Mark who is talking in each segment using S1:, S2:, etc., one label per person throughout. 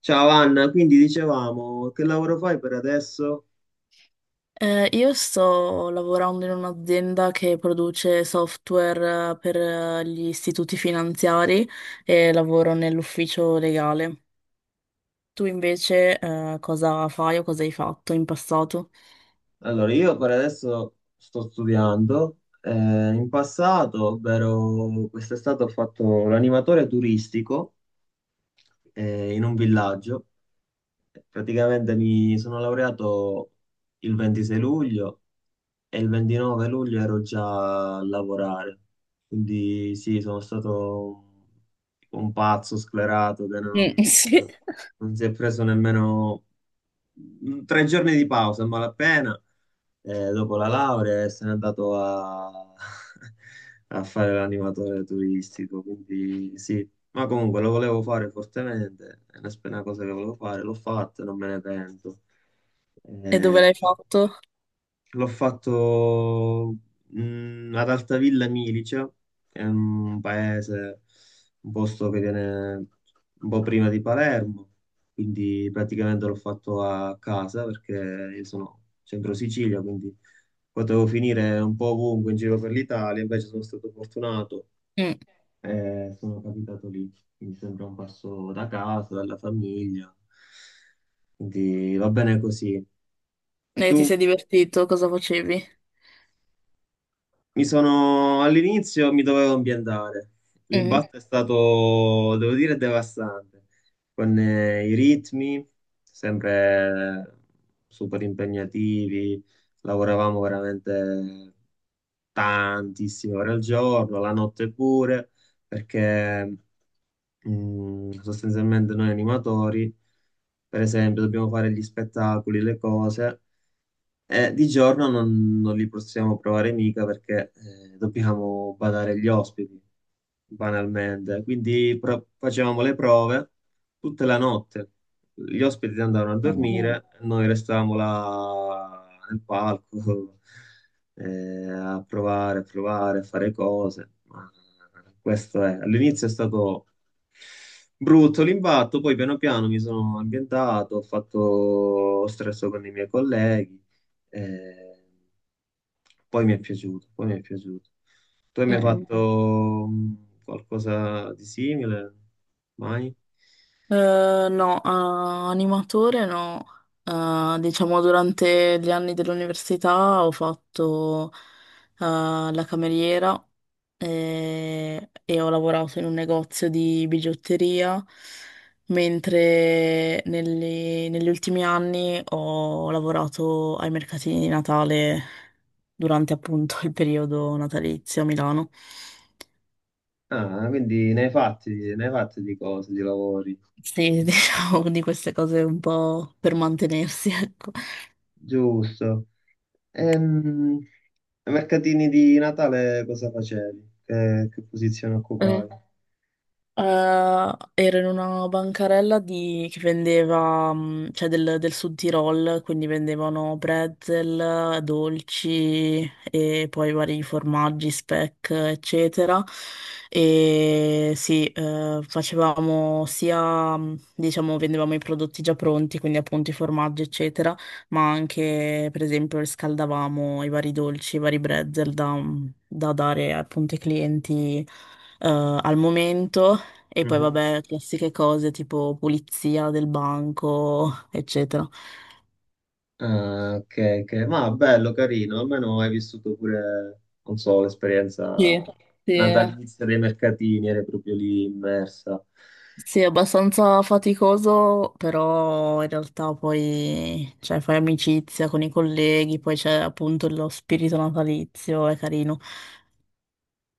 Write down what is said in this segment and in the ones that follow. S1: Ciao Anna, quindi dicevamo, che lavoro fai per adesso?
S2: Io sto lavorando in un'azienda che produce software, per gli istituti finanziari e lavoro nell'ufficio legale. Tu invece, cosa fai o cosa hai fatto in passato?
S1: Allora, io per adesso sto studiando. In passato, ovvero quest'estate, ho fatto l'animatore turistico in un villaggio. Praticamente mi sono laureato il 26 luglio e il 29 luglio ero già a lavorare. Quindi sì, sono stato un pazzo sclerato che
S2: Mm,
S1: non
S2: sì.
S1: non si è preso nemmeno tre giorni di pausa a malapena, dopo la laurea, e se n'è andato a, a fare l'animatore turistico. Quindi sì, ma comunque lo volevo fare fortemente, è una, una cosa che volevo fare, l'ho fatta, non me ne pento.
S2: E dove
S1: Eh,
S2: l'hai fatto?
S1: L'ho fatto ad Altavilla Milice, che è un paese, un posto che viene un po' prima di Palermo, quindi praticamente l'ho fatto a casa perché io sono centro Sicilia, quindi potevo finire un po' ovunque in giro per l'Italia, invece sono stato fortunato
S2: Mm.
S1: e sono capitato lì, quindi sembra un passo da casa, dalla famiglia, quindi va bene così.
S2: E ti
S1: Tu?
S2: sei divertito? Cosa facevi?
S1: Mi sono, all'inizio mi dovevo ambientare.
S2: Mm.
S1: L'impatto è stato, devo dire, devastante, con i ritmi sempre super impegnativi, lavoravamo veramente tantissime ore al giorno, la notte pure, perché sostanzialmente noi animatori, per esempio, dobbiamo fare gli spettacoli, le cose. Di giorno non li possiamo provare mica perché dobbiamo badare gli ospiti, banalmente. Quindi facevamo le prove tutta la notte. Gli ospiti andavano a
S2: Mm,
S1: dormire, noi restavamo là nel palco a provare, a provare, a fare cose. Ma questo è. All'inizio è stato brutto l'impatto, poi piano piano mi sono ambientato, ho fatto ho stresso con i miei colleghi. Eh, poi mi è piaciuto, poi mi è piaciuto. Tu hai mai
S2: mm.
S1: fatto qualcosa di simile? Mai?
S2: No, animatore no. Ah, diciamo durante gli anni dell'università ho fatto la cameriera, e ho lavorato in un negozio di bigiotteria, mentre negli ultimi anni ho lavorato ai mercatini di Natale durante appunto il periodo natalizio a Milano.
S1: Ah, quindi ne hai fatti di cose, di lavori.
S2: Sì, diciamo di queste cose un po' per mantenersi, ecco.
S1: Giusto. Ehm, Ai mercatini di Natale cosa facevi? Che posizione
S2: Eh,
S1: occupavi?
S2: ero in una bancarella che vendeva, mm, cioè del Sud Tirol, quindi vendevano pretzel, dolci e poi vari formaggi, speck, eccetera. E sì, facevamo sia, mm, diciamo, vendevamo i prodotti già pronti, quindi appunto i formaggi, eccetera, ma anche, per esempio, riscaldavamo i vari dolci, i vari pretzel da da dare appunto ai clienti eh, al momento, e poi
S1: Mhm.
S2: vabbè, classiche cose tipo pulizia del banco, eccetera.
S1: Ah, ok, ok. Ma bello, carino, almeno hai vissuto pure, non so,
S2: Sì,
S1: l'esperienza
S2: sì.
S1: natalizia dei mercatini, eri proprio lì immersa.
S2: Sì, è abbastanza faticoso, però in realtà poi cioè, fai amicizia con i colleghi, poi c'è appunto lo spirito natalizio, è carino.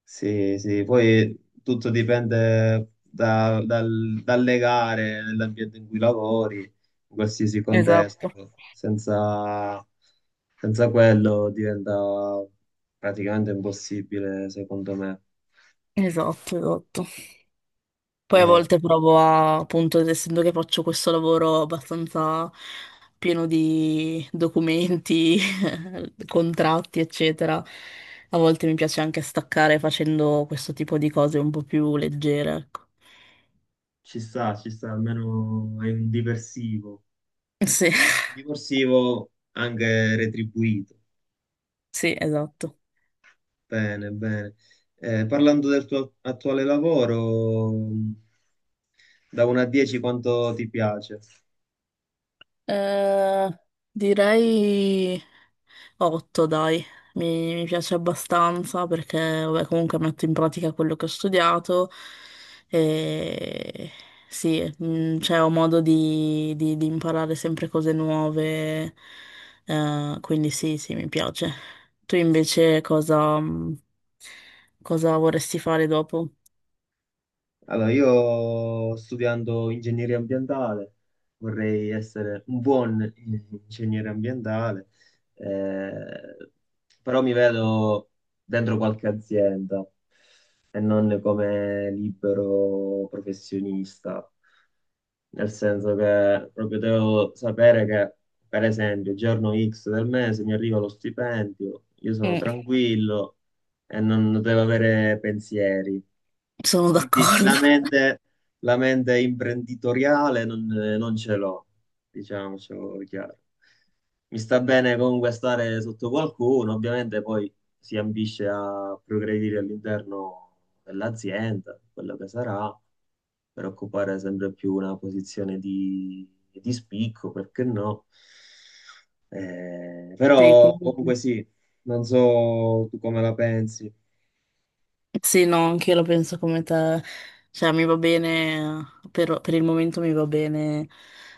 S1: Sì, sì, poi tutto dipende dalle gare, nell'ambiente in cui lavori, in qualsiasi
S2: Esatto.
S1: contesto. Senza, senza quello diventa praticamente impossibile, secondo me.
S2: Esatto, esatto. Poi a volte provo a, appunto, essendo che faccio questo lavoro abbastanza pieno di documenti, contratti, eccetera. A volte mi piace anche staccare facendo questo tipo di cose un po' più leggere, ecco.
S1: Ci sta, almeno è un diversivo.
S2: Sì,
S1: Divorsivo anche retribuito.
S2: sì, esatto.
S1: Bene, bene. Parlando del tuo attuale lavoro, da 1 a 10 quanto ti piace?
S2: Eh, direi 8, dai, mi piace abbastanza perché vabbè, comunque metto in pratica quello che ho studiato e sì, mm, cioè, ho modo di imparare sempre cose nuove, quindi sì, sì, mi piace. Tu invece cosa, mm, cosa vorresti fare dopo?
S1: Allora, io studiando ingegneria ambientale vorrei essere un buon ingegnere ambientale, eh, però mi vedo dentro qualche azienda e non come libero professionista, nel senso che proprio devo sapere che, per esempio, il giorno X del mese mi arriva lo stipendio, io sono
S2: Mm.
S1: tranquillo e non deve avere pensieri.
S2: Sono
S1: Quindi
S2: d'accordo.
S1: la mente imprenditoriale non ce l'ho, diciamocelo chiaro. Mi sta bene comunque stare sotto qualcuno, ovviamente poi si ambisce a progredire all'interno dell'azienda, quello che sarà, per occupare sempre più una posizione di spicco, perché no?
S2: Sì,
S1: Però
S2: quello
S1: comunque
S2: sì.
S1: sì, non so tu come la pensi.
S2: Sì, no, anche io la penso come te. Cioè, mi va bene, per il momento mi va bene,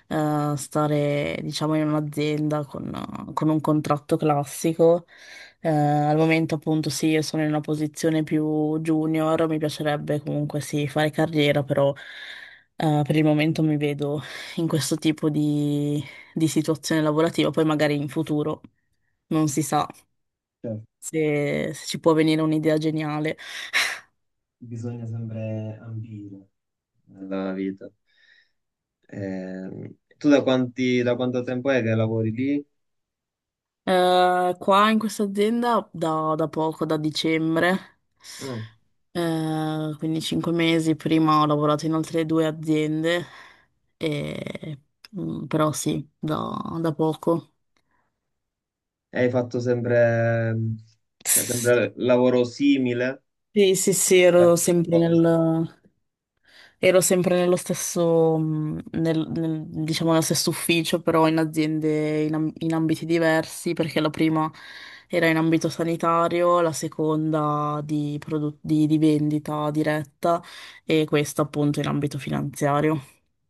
S2: stare, diciamo, in un'azienda con un contratto classico. Al momento, appunto, sì, io sono in una posizione più junior, mi piacerebbe comunque, sì, fare carriera, però per il momento mi vedo in questo tipo di situazione lavorativa. Poi magari in futuro non si sa
S1: Cioè,
S2: se se ci può venire un'idea geniale.
S1: bisogna sempre ambire nella vita. Tu da quanto tempo è che lavori lì?
S2: Qua in questa azienda da poco, da dicembre,
S1: Mm.
S2: quindi 5 mesi prima ho lavorato in altre due aziende, e- però sì, da, da poco.
S1: E hai fatto sempre, cioè, sempre lavoro simile
S2: Sì, sì, sì,
S1: a
S2: ero
S1: questa
S2: sempre
S1: cosa?
S2: nel, ero sempre nello stesso, diciamo, nello stesso ufficio, però in aziende in, in ambiti diversi, perché la prima era in ambito sanitario, la seconda di, di vendita diretta e questa appunto in ambito finanziario.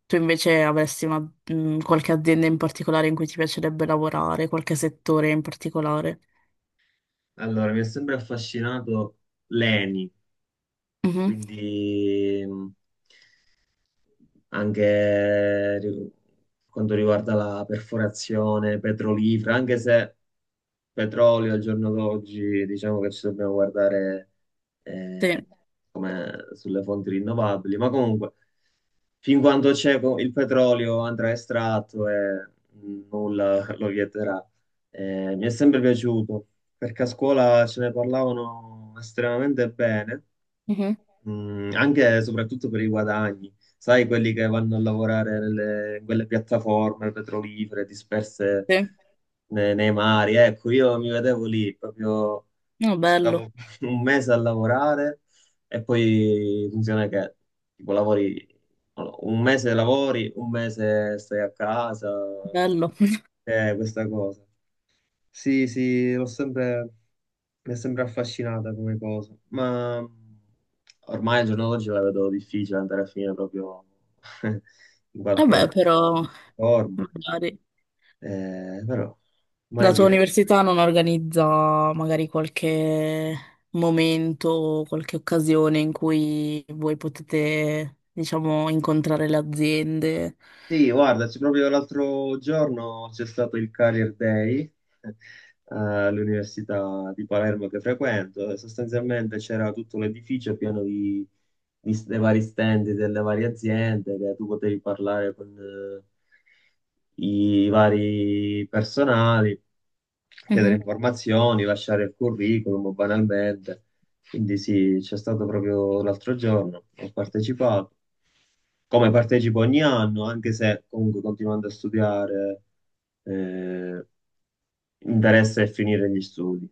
S2: Tu invece avresti una, qualche azienda in particolare in cui ti piacerebbe lavorare, qualche settore in particolare?
S1: Allora, mi ha sempre affascinato l'ENI,
S2: Mhm.
S1: quindi anche quanto riguarda la perforazione petrolifera, anche se petrolio al giorno d'oggi diciamo che ci dobbiamo guardare eh,
S2: Sì,
S1: come sulle fonti rinnovabili, ma comunque fin quando il petrolio andrà estratto e nulla lo vieterà. Mi è sempre piaciuto perché a scuola ce ne parlavano estremamente bene.
S2: mhm,
S1: Mm, anche e soprattutto per i guadagni, sai, quelli che vanno a lavorare in quelle piattaforme petrolifere disperse
S2: sì.
S1: nei mari. Ecco, io mi vedevo lì, proprio
S2: No, bello,
S1: stavo un mese a lavorare e poi funziona che tipo lavori, non lo- so, un mese lavori, un mese stai a casa,
S2: bello.
S1: è questa cosa. Sì, sì, l'ho sempre, mi è sempre affascinata come cosa, ma ormai al giorno d'oggi la vedo difficile andare a finire proprio in
S2: Vabbè,
S1: qualche
S2: però
S1: forma.
S2: magari.
S1: Però
S2: La
S1: mai
S2: tua
S1: dire mai.
S2: università non organizza magari qualche momento, qualche occasione in cui voi potete, diciamo, incontrare le aziende.
S1: Sì, guarda, c'è proprio l'altro giorno c'è stato il Career Day eh, all'Università di Palermo che frequento e sostanzialmente c'era tutto l'edificio pieno di, dei vari stand delle varie aziende che tu potevi parlare con i vari personali, chiedere
S2: Mhm.
S1: informazioni, lasciare il curriculum banalmente. Quindi sì, c'è stato proprio l'altro giorno, ho partecipato come partecipo ogni anno, anche se comunque continuando a studiare, eh, interessa è finire gli studi.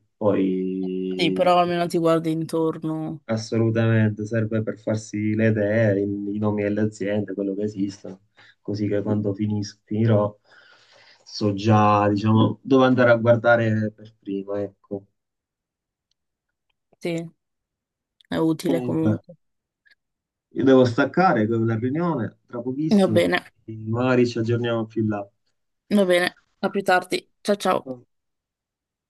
S2: Sì,
S1: Poi
S2: però almeno ti guardi intorno.
S1: assolutamente serve per farsi le idee, i nomi delle aziende, quello che esistono, così che quando finirò so già, diciamo, dove andare a guardare per prima, ecco.
S2: Sì, è utile
S1: Comunque,
S2: comunque.
S1: io devo staccare con la riunione tra
S2: Va
S1: pochissimo,
S2: bene,
S1: magari ci aggiorniamo più in là.
S2: va bene. A più tardi. Ciao ciao.